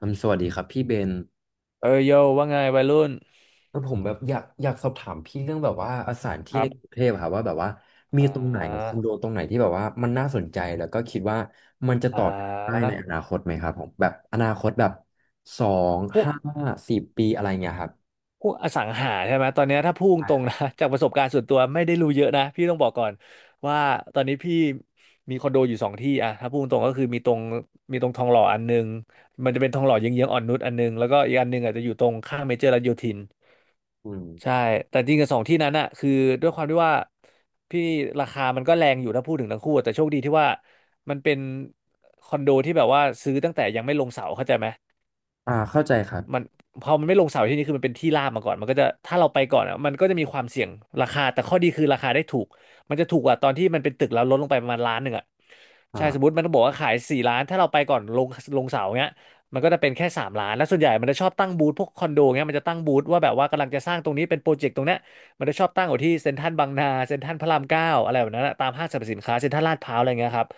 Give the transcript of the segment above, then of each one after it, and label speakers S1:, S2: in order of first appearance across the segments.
S1: สวัสดีครับพี่เบน
S2: เออโยว่าไงวัยรุ่น
S1: ผมแบบอยากสอบถามพี่เรื่องแบบว่าสถานที่
S2: ครั
S1: ใน
S2: บ
S1: กรุงเทพอะครับว่าแบบว่ามี
S2: อ่
S1: ตรงไหนคอ
S2: า
S1: นโดตรงไหนที่แบบว่ามันน่าสนใจแล้วก็คิดว่ามันจะ
S2: อ่
S1: ต่อยอดได้
S2: า
S1: ในอนาคตไหมครับผมแบบอนาคตแบบสอง
S2: พวก
S1: ห้าสี่ปีอะไรเงี้ยครับ
S2: พวกอสังหาใช่ไหมตอนเนี้ยถ้าพูดตรง
S1: อ่า
S2: นะ จากประสบการณ์ส่วนตัวไม่ได้รู้เยอะนะพี่ต้องบอกก่อนว่าตอนนี้พี่มีคอนโดอยู่สองที่อะถ้าพูดตรงก็คือมีตรงทองหล่ออันนึงมันจะเป็นทองหล่อเยื้องๆอ่อนนุชอันนึงแล้วก็อีกอันนึงอาจจะอยู่ตรงข้างเมเจอร์รัชโยธิน
S1: อืม
S2: ใช่แต่จริงกับสองที่นั้นอะคือด้วยความที่ว่าพี่ราคามันก็แรงอยู่ถ้าพูดถึงทั้งคู่แต่โชคดีที่ว่ามันเป็นคอนโดที่แบบว่าซื้อตั้งแต่ยังไม่ลงเสาเข้าใจไหม
S1: เข้าใจครั
S2: มั
S1: บ
S2: นพอมันไม่ลงเสาที่นี่คือมันเป็นที่ราบมาก่อนมันก็จะถ้าเราไปก่อนอ่ะมันก็จะมีความเสี่ยงราคาแต่ข้อดีคือราคาได้ถูกมันจะถูกกว่าตอนที่มันเป็นตึกแล้วลดลงไปประมาณล้านหนึ่งอ่ะใช่สมม
S1: อ่า
S2: ติมันต้องบอกว่าขายสี่ล้านถ้าเราไปก่อนลงเสาเงี้ยมันก็จะเป็นแค่สามล้านแล้วส่วนใหญ่มันจะชอบตั้งบูธพวกคอนโดเงี้ยมันจะตั้งบูธว่าแบบว่ากำลังจะสร้างตรงนี้เป็นโปรเจกต์ตรงเนี้ยมันจะชอบตั้งอยู่ที่เซ็นทรัลบางนาเซ็นทรัลพระรามเก้าอะไรแบบนั้นอะตามห้างสรรพสินค้าเซ็นทรัลลาดพร้าวอะไรเงี้ยครับ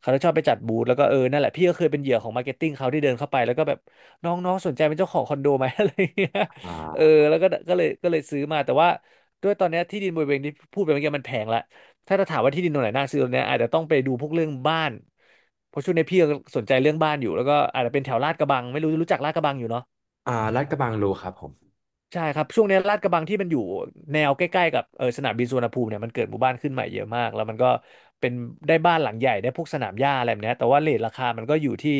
S2: เขาจะชอบไปจัดบูธแล้วก็นั่นแหละพี่ก็เคยเป็นเหยื่อของมาร์เก็ตติ้งเขาที่เดินเข้าไปแล้วก็แบบ น้องน้องสนใจเป็นเจ้าของคอนโดไหม อะไรเงี้ย
S1: อ่
S2: เออ
S1: า
S2: แล้วก็ก็เลยซื้อมาแต่ว่าด้วยตอนเนี้ยที่ดินบริเวณที่พูดไปเมื่อกี้มันแพงละถ้าจะถามว่าที่ดินตรงไหนน่าซื้อตรงเนี้ยอาจจะต้องไปดูพวกเรื่องบ้านเพราะช่วงนี้พี่ยังสนใจเรื่องบ้านอยู่แล้วก็อาจจะเป็นแถวลาดกระบังไม่รู้จักลาดกระบังอยู่เนาะ
S1: ลาดกระบังรู้ครับผม
S2: ใช่ครับช่วงเนี้ยลาดกระบังที่มันอยู่แนวใกล้ๆกับสนามบินสุวรรณภูมิเนี่ยมันเกิดหมู่บ้านขึ้นใหม่เยอะมากแล้วมันก็เป็นได้บ้านหลังใหญ่ได้พวกสนามหญ้าอะไรแบบเนี้ยแต่ว่าเรทราคามันก็อยู่ที่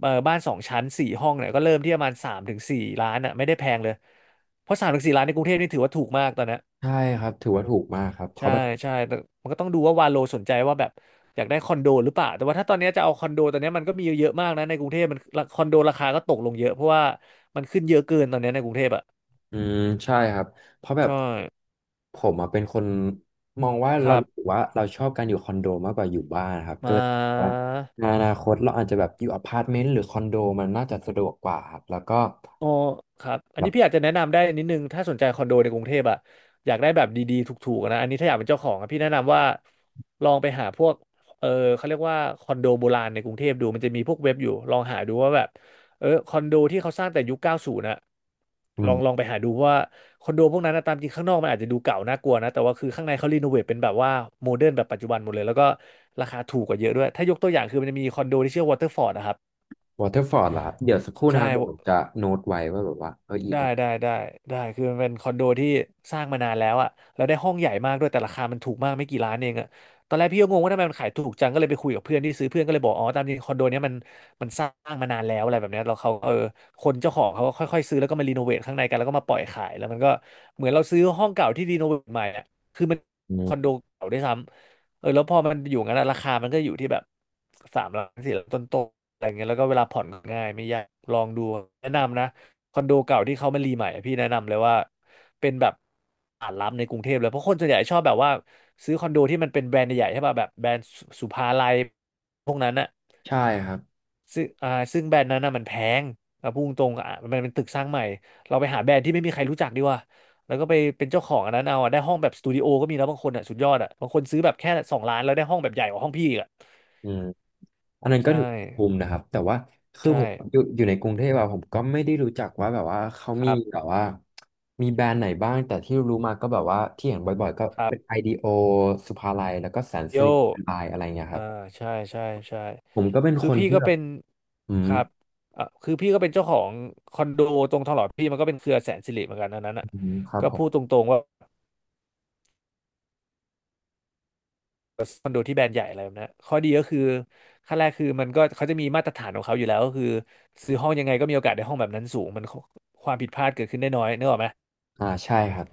S2: บ้านสองชั้นสี่ห้องเนี่ยก็เริ่มที่ประมาณสามถึงสี่ล้านอ่ะไม่ได้แพงเลยเพราะสามถึงสี่ล้านในกรุงเทพนี่ถือว่าถูกมากตอนเนี้ย
S1: ใช่ครับถือว่าถูกมากครับเขา
S2: ใช่
S1: แบบ
S2: ใช่แต่มันก็ต้องดูว่าวาโลสนใจว่าแบบอยากได้คอนโดหรือเปล่าแต่ว่าถ้าตอนเนี้ยจะเอาคอนโดตอนเนี้ยมันก็มีเยอะๆมากนะในกรุงเทพมันคอนโดราคาก็ตกลงเยอะเพราะว่ามันขึ้นเยอะเกินตอนเนี้ยในกรุงเทพอ่ะ
S1: อืมใช่ครับเพราะแบบ
S2: ใช่
S1: ผมอะเป็นคนมองว่า
S2: ค
S1: เรา
S2: รับ
S1: รู้สึกว่าเราชอบการอยู่คอนโดมากกว่าอยู่บ้านครับ
S2: ม
S1: ก็เลยว่า
S2: า
S1: ในอนาคตเราอาจจะแบบอยู่อพาร์ตเมนต์หรือคอนโดมันน่าจะสะดวกกว่าครับแล้วก็
S2: อ๋อครับอันนี้
S1: แบบ
S2: พี่อาจจะแนะนำได้นิดนึงถ้าสนใจคอนโดในกรุงเทพอะอยากได้แบบดีๆถูกๆนะอันนี้ถ้าอยากเป็นเจ้าของอะพี่แนะนำว่าลองไปหาพวกเออเขาเรียกว่าคอนโดโบราณในกรุงเทพดูมันจะมีพวกเว็บอยู่ลองหาดูว่าแบบคอนโดที่เขาสร้างแต่ยุค90นะ
S1: อื
S2: ลอง
S1: ม
S2: ไปหาดูเพราะว่าคอนโดพวกนั้นนะตามจริงข้างนอกมันอาจจะดูเก่าน่ากลัวนะแต่ว่าคือข้างในเขารีโนเวทเป็นแบบว่าโมเดิร์นแบบปัจจุบันหมดเลยแล้วก็ราคาถูกกว่าเยอะด้วยถ้ายกตัวอย่างคือมันจะมีคอนโดที่ชื่อวอเตอร์ฟอร์ดนะครับ
S1: วอเตอร์ฟอร์ดล่ะครับเดี๋ยวสักครู่นะค
S2: ใช่
S1: รับเดี๋ยวผมจะโน้ตไว้ว่าแบบว่าอี
S2: ได้
S1: ตรง
S2: ได้ได้ได้คือมันเป็นคอนโดที่สร้างมานานแล้วอะแล้วได้ห้องใหญ่มากด้วยแต่ราคามันถูกมากไม่กี่ล้านเองอะตอนแรกพี่ก็งงว่าทำไมมันขายถูกจังก็เลยไปคุยกับเพื่อนที่ซื้อเพื่อนก็เลยบอกอ๋อตามจริงคอนโดเนี้ยมันสร้างมานานแล้วอะไรแบบเนี้ยแลเขาคนเจ้าของเขาก็ค่อยๆซื้อแล้วก็มารีโนเวทข้างในกันแล้วก็มาปล่อยขายแล้วมันก็เหมือนเราซื้อห้องเก่าที่รีโนเวทใหม่อะคือมัน
S1: นี
S2: คอนโด
S1: ้
S2: เก่าด้วยซ้ำเออแล้วพอมันอยู่งั้นอะราคามันก็อยู่ที่แบบสามล้านสี่ล้านต้นๆอะไรเงี้ยแล้วก็เวลาผ่อนง่ายไม่ยากลองดูแนะนำนะ คอนโดเก่าที่เขามารีใหม่อะพี่แนะนำเลยว่าเป็นแบบตลาดรับในกรุงเทพเลยเพราะคนส่วนใหญ่ชอบแบบว่าซื้อคอนโดที่มันเป็นแบรนด์ใหญ่ๆใช่ป่ะแบบแบรนด์สุภาลัยพวกนั้นอะ
S1: ใช่ครับ
S2: ซึ่งอ่าซึ่งแบรนด์นั้นน่ะมันแพงเอาพูดตรงๆอ่ะมันเป็นตึกสร้างใหม่เราไปหาแบรนด์ที่ไม่มีใครรู้จักดีกว่าแล้วก็ไปเป็นเจ้าของอันนั้นเอาอะได้ห้องแบบสตูดิโอก็มีแล้วบางคนอ่ะสุดยอดอ่ะบางคนซื้อแบบแค่2,000,000แล้วได้ห้องแบบใหญ่กว่าห้องพี่อีกอ่ะ
S1: อืม อันนั้นก็
S2: ใช่
S1: ถือภูมินะครับแต่ว่าคือผ
S2: ใช่
S1: มอยู่ในกรุงเทพอะผมก็ไม่ได้รู้จักว่าแบบว่าเขา
S2: ค
S1: มี
S2: รั
S1: แบ
S2: บ
S1: บว่ามีแบรนด์ไหนบ้างแต่ที่รู้มาก็แบบว่าที่เห็นบ่อยๆก็
S2: ครั
S1: เป็น
S2: บ
S1: ไอดีโอสุภาลัยแล้วก็แสน
S2: โย
S1: สิริไลน์อะไรเงี้ยค
S2: อ่า
S1: รับ
S2: ใช่ใช่ใช่
S1: ผมก็เป็น
S2: คื
S1: ค
S2: อ
S1: น
S2: พี่
S1: ที่
S2: ก็
S1: แบบ
S2: เป็น
S1: อื
S2: ค
S1: ม
S2: รับอ่ะคือพี่ก็เป็นเจ้าของคอนโดตรงทองหล่อพี่มันก็เป็นเครือแสนสิริเหมือนกันอันนั้นอ่ะ
S1: อืมครับ
S2: ก็
S1: ผ
S2: พูด
S1: ม
S2: ตรงๆว่าคอนโดที่แบรนด์ใหญ่อะไรแบบนั้นข้อดีก็คือขั้นแรกคือมันก็เขาจะมีมาตรฐานของเขาอยู่แล้วก็คือซื้อห้องยังไงก็มีโอกาสได้ห้องแบบนั้นสูงมันความผิดพลาดเกิดขึ้นได้น้อยนึกออกไหม
S1: ใช่ครับ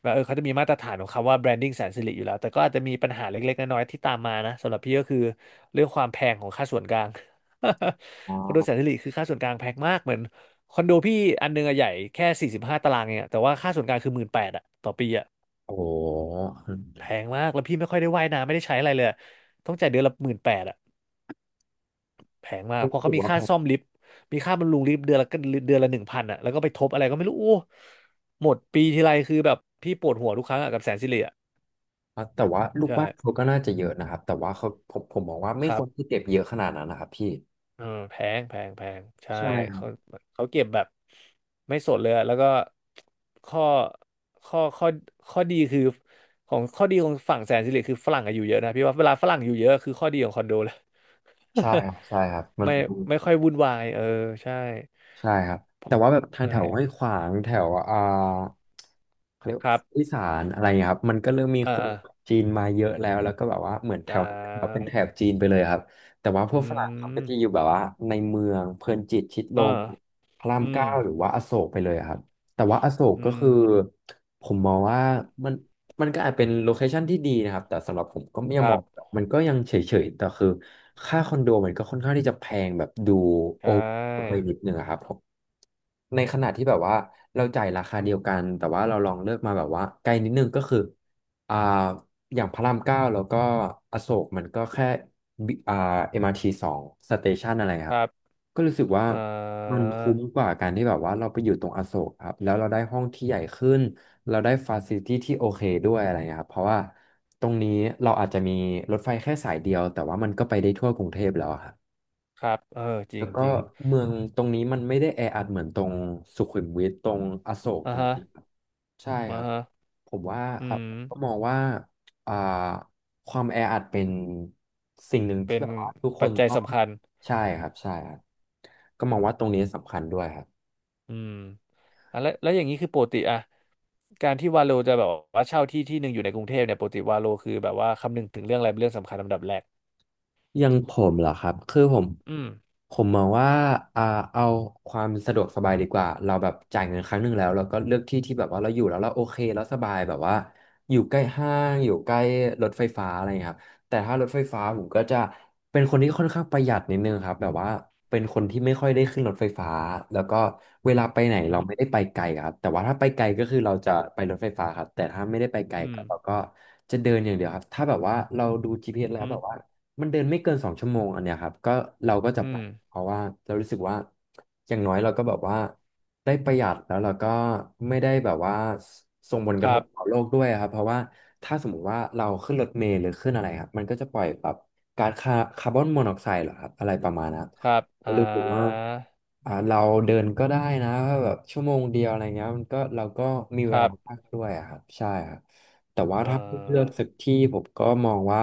S2: แบบเขาจะมีมาตรฐานของคำว่า branding แสนสิริอยู่แล้วแต่ก็อาจจะมีปัญหาเล็กๆน้อยๆที่ตามมานะสำหรับพี่ก็คือเรื่องความแพงของค่าส่วนกลาง
S1: อ๋
S2: คอนโดแส
S1: อ
S2: นสิริคือค่าส่วนกลางแพงมากเหมือนคอนโดพี่อันนึงอะใหญ่แค่45ตารางเองอะแต่ว่าค่าส่วนกลางคือหมื่นแปดอะต่อปีอะ
S1: โอ้โห
S2: แพงมากแล้วพี่ไม่ค่อยได้ว่ายน้ำไม่ได้ใช้อะไรเลยอะต้องจ่ายเดือนละหมื่นแปดอะแพงมาก
S1: รู้
S2: เพราะ
S1: สึ
S2: เขา
S1: ก
S2: มี
S1: ว่าแพ
S2: ค่า
S1: ง
S2: ซ่อมลิฟต์มีค่าบำรุงลิฟต์เดือนละ1,000อะแล้วก็ไปทบอะไรก็ไม่รู้โอ้หมดปีทีไรคือแบบพี่ปวดหัวทุกครั้งอะกับแสนสิริอะ
S1: อ่ะแต่ว่าลูก
S2: ใช่
S1: บ้านเขาก็น่าจะเยอะนะครับแต่ว่าเขาผมมองว่าไม่
S2: ค
S1: ค
S2: รับ
S1: วรที่เก็บเยอะขนาดนั้นนะครับพี่
S2: เออแพงแพงแพงใช่
S1: ใช่ครับ
S2: เขาเขาเก็บแบบไม่สดเลยอะแล้วก็ข้อข้อข้อข้อดีคือของข้อดีของฝั่งแสนสิริคือฝรั่งอะอยู่เยอะนะพี่ว่าเวลาฝรั่งอยู่เยอะคือข้อดีของคอนโดเลย
S1: ใช่ครับใช่ครับมั น
S2: ไม่ไม่ค่อยวุ่นวายเออใช่
S1: ใช่ครับ
S2: เพ
S1: แต่
S2: ราะ
S1: ว่าแบบทาง
S2: ใช่
S1: แถวห้วยขวางแถวเขาเรียก
S2: ค
S1: ว่า
S2: รั
S1: อี
S2: บ
S1: สานอะไรเงี้ยครับมันก็เริ่มมี
S2: อ่า
S1: คน
S2: อ่า
S1: จีนมาเยอะแล้วแล้วก็แบบว่าเหมือนแถ
S2: จะ
S1: วนั้นเเป็นแถบจีนไปเลยครับแต่ว่าพวก
S2: อื
S1: ฝรั่งเขาก็
S2: ม
S1: จะอยู่แบบว่าในเมืองเพลินจิตชิดล
S2: อ่า
S1: มพระราม
S2: อืม
S1: เก้าหรือว่าอโศกไปเลยครับแต่ว่าอโศก
S2: อื
S1: ก็คือ
S2: ม
S1: ผมมองว่ามันมันก็อาจเป็นโลเคชันที่ดีนะครับแต่สำหรับผมก็ยั
S2: ค
S1: งม
S2: รั
S1: องแบบ
S2: บ
S1: มันก็ยังเฉยๆแต่คือ ค่าคอนโดมันก็ค่อนข้างที่จะแพงแบบดู
S2: ใช
S1: โอไป
S2: ่
S1: นิดนึงอะครับผมในขณะที่แบบว่าเราจ่ายราคาเดียวกันแต่ว่าเราลองเลือกมาแบบว่าไกลนิดนึงก็คืออ่าอย่างพระรามเก้าแล้วก็อโศกมันก็แค่บิเอ็มอาร์ทีสองสเตชันอะไร
S2: ค
S1: ครั
S2: รั
S1: บ
S2: บ
S1: ก็รู้สึกว่า
S2: อ่
S1: มัน
S2: า
S1: คุ้มกว่าการที่แบบว่าเราไปอยู่ตรงอโศกครับแล้วเราได้ห้องที่ใหญ่ขึ้นเราได้ฟาซิลิตี้ที่โอเคด้วยอะไรเงี้ยครับเพราะว่าตรงนี้เราอาจจะมีรถไฟแค่สายเดียวแต่ว่ามันก็ไปได้ทั่วกรุงเทพแล้วอะครับ
S2: ครับเออจริ
S1: แล้ว
S2: ง
S1: ก็
S2: จริง
S1: เมืองตรงนี้มันไม่ได้แออัดเหมือนตรงสุขุมวิทตรงอโศกตรง
S2: ฮะ
S1: ใช่
S2: อ่า
S1: ครับ
S2: ฮะ
S1: ผมว่า
S2: อื
S1: อ่ะผมก็
S2: ม
S1: มองว่าอ่าความแออัดเป็นสิ่งหนึ่ง
S2: เป็
S1: ที่
S2: น
S1: แบบว่าทุกค
S2: ปั
S1: น
S2: จจัย
S1: ต้อง
S2: สำคัญ
S1: ใช่ครับใช่ครับก็มองว่าตรงนี้สำคัญด้วยครับ
S2: อืมอ่ะแล้วอย่างนี้คือปกติอะการที่วาโลจะแบบว่าเช่าที่ที่หนึ่งอยู่ในกรุงเทพเนี่ยปกติวาโลคือแบบว่าคำนึงถึงเรื่องอะไรเป็นเรื่องสำคัญลำดับแรก
S1: อยังผมเหรอครับคือผม
S2: อืม
S1: ผมมองว่าอ่า เอาความสะดวกสบายดีกว่าเราแบบจ่ายเงินครั้งหนึ่งแล้วเราก็เลือกที่ที่แบบว่าเราอยู่แล้วเราโอเคแล้วสบายแบบว่าอยู่ใกล้ห้างอยู่ใกล้รถไฟฟ้าอะไรอย่างเงี้ยครับแต่ถ้ารถไฟฟ้าผมก็จะเป็นคนที่ค่อนข้างประหยัดนิดนึงครับแบบว่าเป็นคนที่ไม่ค่อยได้ขึ้นรถไฟฟ้าแล้วก็เวลาไปไหน
S2: อื
S1: เราไม่
S2: ม
S1: ได้ไปไกลครับแต่ว่าถ้าไปไกลก็คือเราจะไปรถไฟฟ้าครับแต่ถ้าไม่ได้ไปไกล
S2: อืม
S1: ก็เราก็จะเดินอย่างเดียวครับ ถ้าแบบว่าเราดู
S2: อ
S1: GPS แล้ว
S2: ื
S1: แบ
S2: ม
S1: บว่า มันเดินไม่เกินสองชั่วโมงอันเนี้ยครับก็เราก็จะ
S2: อื
S1: ไป
S2: ม
S1: เพราะว่าเรารู้สึกว่าอย่างน้อยเราก็แบบว่าได้ประหยัดแล้วเราก็ไม่ได้แบบว่าส่งผลก
S2: ค
S1: ระท
S2: รั
S1: บต่อ
S2: บ
S1: โลกด้วยครับเพราะว่าถ้าสมมุติว่าเราขึ้นรถเมล์หรือขึ้นอะไรครับมันก็จะปล่อยแบบก๊าซคาร์บอนมอนอกไซด์เหรอครับอะไรประมาณนั้น
S2: ครับ
S1: ก็รู้สึกว่าเราเดินก็ได้นะแบบชั่วโมงเดียวอะไรเงี้ยมันก็เราก็มี
S2: ค
S1: เว
S2: รั
S1: ลา
S2: บ
S1: มากด้วยอะครับใช่ครับแต่ว่า
S2: เอ่
S1: ถ้าให้เลือก
S2: อ
S1: สักที่ผมก็มองว่า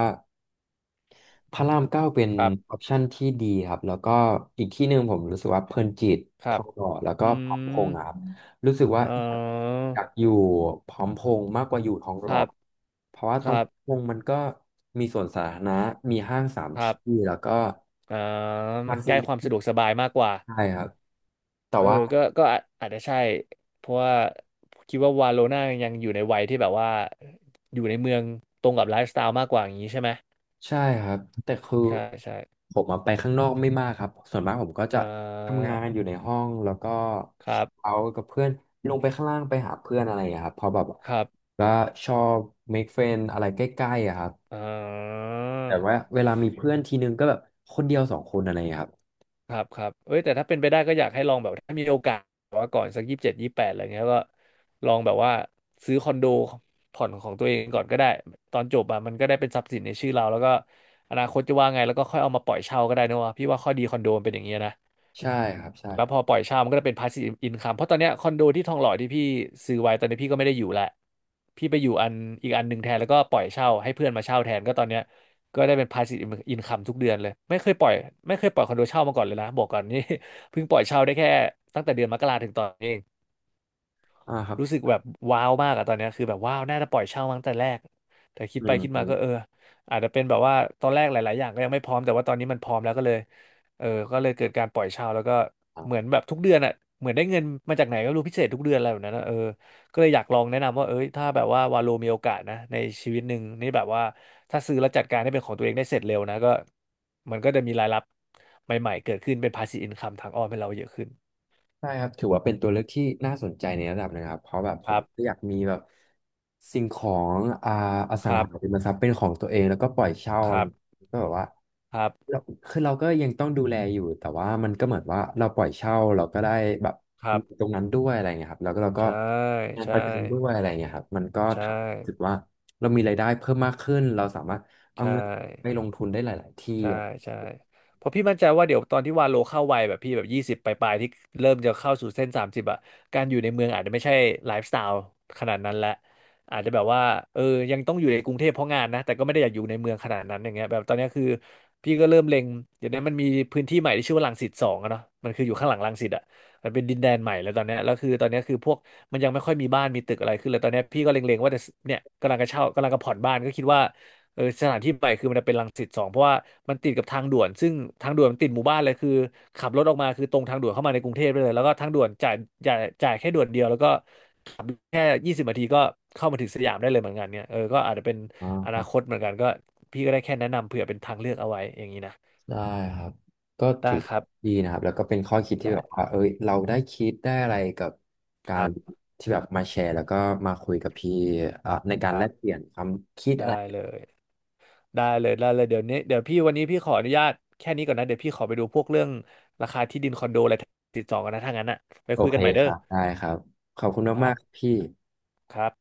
S1: พระรามเก้าเป็น
S2: ครั
S1: อ
S2: บ
S1: อปชันที่ดีครับแล้วก็อีกที่หนึ่งผมรู้สึกว่าเพลินจิต
S2: ค
S1: ท
S2: รั
S1: อ
S2: บ
S1: งหล่อแล้วก็
S2: อื
S1: พร้อมพ
S2: ม
S1: งษ์อะครับรู้สึกว่า
S2: เอ่อ
S1: อยากอยู่พร้อมพงษ์มากกว่าอยู่ทองห
S2: ค
S1: ล่อ
S2: รับ
S1: เพราะว่า
S2: ค
S1: ตรง
S2: รับ
S1: พงษ์มันก็มีสวนสาธารณะมีห้างสาม
S2: ค
S1: ท
S2: รั
S1: ี่
S2: บ
S1: แล้วก็
S2: อ่า
S1: มา
S2: มันใก
S1: ซื้
S2: ล้ความสะ
S1: อ
S2: ดวกสบายมากกว่า
S1: ไครับแต่
S2: เออ
S1: ว่า
S2: ก็อาจจะใช่ เพราะว่าคิดว่าวาโลน่ายังอยู่ในวัยที่แบบว่า อยู่ในเมืองตรงกับไลฟ์สไตล์มากกว่าอย่างนี้ใช่ไหม
S1: ใช่ครับแต่คือ
S2: ใช่ ใช่
S1: ผมอะไปข้างนอกไม่มากครับส่วนมากผมก็
S2: เอ
S1: จะ
S2: อ
S1: ทำงานอยู่ในห้องแล้วก็
S2: ครั
S1: เอา
S2: บ
S1: กับเพื่อนลงไปข้างล่างไปหาเพื่อนอะไรอย่างเงี้ยครับเพราะแบบ
S2: ครับ
S1: ก็ชอบ make friend อะไรใกล้ๆอะครับ
S2: เอ
S1: แต่ว่า
S2: อ
S1: เวลามีเพื่อนทีนึงก็แบบคนเดียวสองคนอะไรอย่างเงี้ยครับ
S2: ครับครับเอ้ยแต่ถ้าเป็นไปได้ก็อยากให้ลองแบบถ้ามีโอกาสแบบว่าก่อนสัก2728อะไรเงี้ยก็ลองแบบว่าซื้อคอนโดผ่อนของตัวเองก่อนก็ได้ตอนจบอะมันก็ได้เป็นทรัพย์สินในชื่อเราแล้วก็อนาคตจะว่าไงแล้วก็ค่อยเอามาปล่อยเช่าก็ได้นะวะพี่ว่าข้อดีคอนโดมันเป็นอย่างเงี้ยนะ
S1: ใช่ครับใช่
S2: แล้
S1: ค
S2: ว
S1: รั
S2: พอ
S1: บ
S2: ปล่อยเช่ามันก็จะเป็น passive income เพราะตอนเนี้ยคอนโดที่ทองหล่อที่พี่ซื้อไว้ตอนนี้พี่ก็ไม่ได้อยู่ละพี่ไปอยู่อีกอันหนึ่งแทนแล้วก็ปล่อยเช่าให้เพื่อนมาเช่าแทนก็ตอนเนี้ย ก็ได้เป็น passive income ทุกเดือนเลย ไม่เคยปล่อย ไม่เคยปล่อยคอนโดเช่ามาก่อนเลยนะ บอกก่อนนี่ เพิ่งปล่อยเช่าได้แค่ตั้งแต่เดือนมกราถึงตอนนี้เอง
S1: อ่าครับ
S2: รู้สึกแบบว้าวมากอะตอนเนี้ยคือแบบว้าวน่าจะปล่อยเช่ามาตั้งแต่แรกแต่คิด
S1: อื
S2: ไป
S1: ม
S2: คิดมาก็อาจจะเป็นแบบว่าตอนแรกหลายๆอย่างก็ยังไม่พร้อมแต่ว่าตอนนี้มันพร้อมแล้วก็เลยเออก็เลยเกิดการปล่อยเช่าแล้วก็เหมือนแบบทุกเดือนอะเหมือนได้เงินมาจากไหนก็ไม่รู้พิเศษทุกเดือนอะไรแบบนั้นอะเออก็เลยอยากลองแนะนำว่าเอ้ยถ้าแบบว่าวาโลมีโอกาสนะในชีวิตหนึ่งนี่แบบว่าถ้าซื้อแล้วจัดการให้เป็นของตัวเองได้เสร็จเร็วนะก็มันก็จะมีรายรับใหม่ๆเกิดขึ้นเป็น passive income ทางอ้อมให้เราเยอะขึ้น
S1: ใช่ครับถือว่าเป็นตัวเลือกที่น่าสนใจในระดับหนะครับเพราะแบบผ
S2: ค
S1: ม
S2: รั
S1: ก็
S2: บ
S1: อยากมีแบบสิ่งของอ
S2: ค
S1: สัง
S2: รับ
S1: หาริมทรัพย์เป็นของตัวเองแล้วก็ปล่อยเช่า
S2: ค
S1: อะไร
S2: รั
S1: อ
S2: บ
S1: ย่างเงี้ยก็แบบว่า
S2: ครับ
S1: เราคือเราก็ยังต้องดูแลอยู่แต่ว่ามันก็เหมือนว่าเราปล่อยเช่าเราก็ได้แบบ
S2: ครับ
S1: ตรงนั้นด้วยอะไรเงี้ยครับแล้วก็เราก็
S2: ใช่
S1: งานป
S2: ใช่
S1: ระกันด้วยอะไรเงี้ยครับมันก็
S2: ใช่
S1: ทำให้รู้สึกว่าเรามีรายได้เพิ่มมากขึ้นเราสามารถเอา
S2: ใช่
S1: เงินไปล
S2: ใช่
S1: งทุนได้หลายๆที่
S2: ใช่
S1: อะไรอย่างเงี้
S2: ใช่เพราะพี่มั่นใจว่าเดี๋ยวตอนที่วาโลเข้าวัยแบบพี่แบบยี่สิบปลายๆที่เริ่มจะเข้าสู่เส้น30อะการอยู่ในเมืองอาจจะไม่ใช่ไลฟ์สไตล์ขนาดนั้นและอาจจะแบบว่าเออยังต้องอยู่ในกรุงเทพเพราะงานนะแต่ก็ไม่ได้อยากอยู่ในเมืองขนาดนั้นอย่างเงี้ยแบบตอนเนี้ยคือพี่ก็เริ่มเล็งเดี๋ยวนี้มันมีพื้นที่ใหม่ที่ชื่อว่ารังสิตสองอะเนาะมันคืออยู่ข้างหลังรังสิตอะมันเป็นดินแดนใหม่แล้วตอนเนี้ยแล้วคือตอนเนี้ยคือพวกมันยังไม่ค่อยมีบ้านมีตึกอะไรขึ้นเลยตอนเนี้ยพี่ก็เล็งๆว่าจะเนี่ยกำลังจะเช่ากำลังจะผ่อนบ้านก็คิดว่า สถานที่ใหม่คือมันจะเป็นรังสิตสองเพราะว่ามันติดกับทางด่วนซึ่งทางด่วนมันติดหมู่บ้านเลยคือขับรถออกมาคือตรงทางด่วนเข้ามาในกรุงเทพไปเลยแล้วก็ทางด่วนจ่ายแค่ด่วนเดียวแล้วก็ขับแค่ยี่สิบนาทีก็เข้ามาถึงสยามได้เลยเหมือนกันเนี่ยก็อาจจะเป็
S1: ย
S2: น
S1: อ๋อ
S2: อ
S1: ค
S2: นา
S1: รั
S2: คต
S1: บ
S2: เหมือนกันก็พี่ก็ได้แค่แนะนำเผื่อเป็นทางเลือกเอาไว้อย่างนี้นะ
S1: ได้ครับก็ถู
S2: ได้
S1: ก
S2: ครับ
S1: ดีนะครับแล้วก็เป็นข้อคิดที่
S2: ได้
S1: แบบว่าเอ้ยเราได้คิดได้อะไรกับ
S2: ค
S1: กา
S2: รั
S1: ร
S2: บ
S1: ที่แบบมาแชร์แล้วก็มาคุยกับพี่อ่ะใน
S2: ค
S1: การแล
S2: รั
S1: กเปลี่
S2: บ
S1: ยนความคิด
S2: ได้
S1: อะไร
S2: เลยได้เลยได้เลยเดี๋ยวนี้เดี๋ยวพี่วันนี้พี่ขออนุญาตแค่นี้ก่อนนะเดี๋ยวพี่ขอไปดูพวกเรื่องราคาที่ดินคอนโดอะไรติดต่อกันนะถ้างั้นอ่ะไป
S1: โอ
S2: คุย
S1: เค
S2: กันใหม่เด้
S1: ค
S2: อ
S1: รับได้ครับขอบคุณ
S2: ครั
S1: มาก
S2: บ
S1: ๆครับพี่
S2: ครับ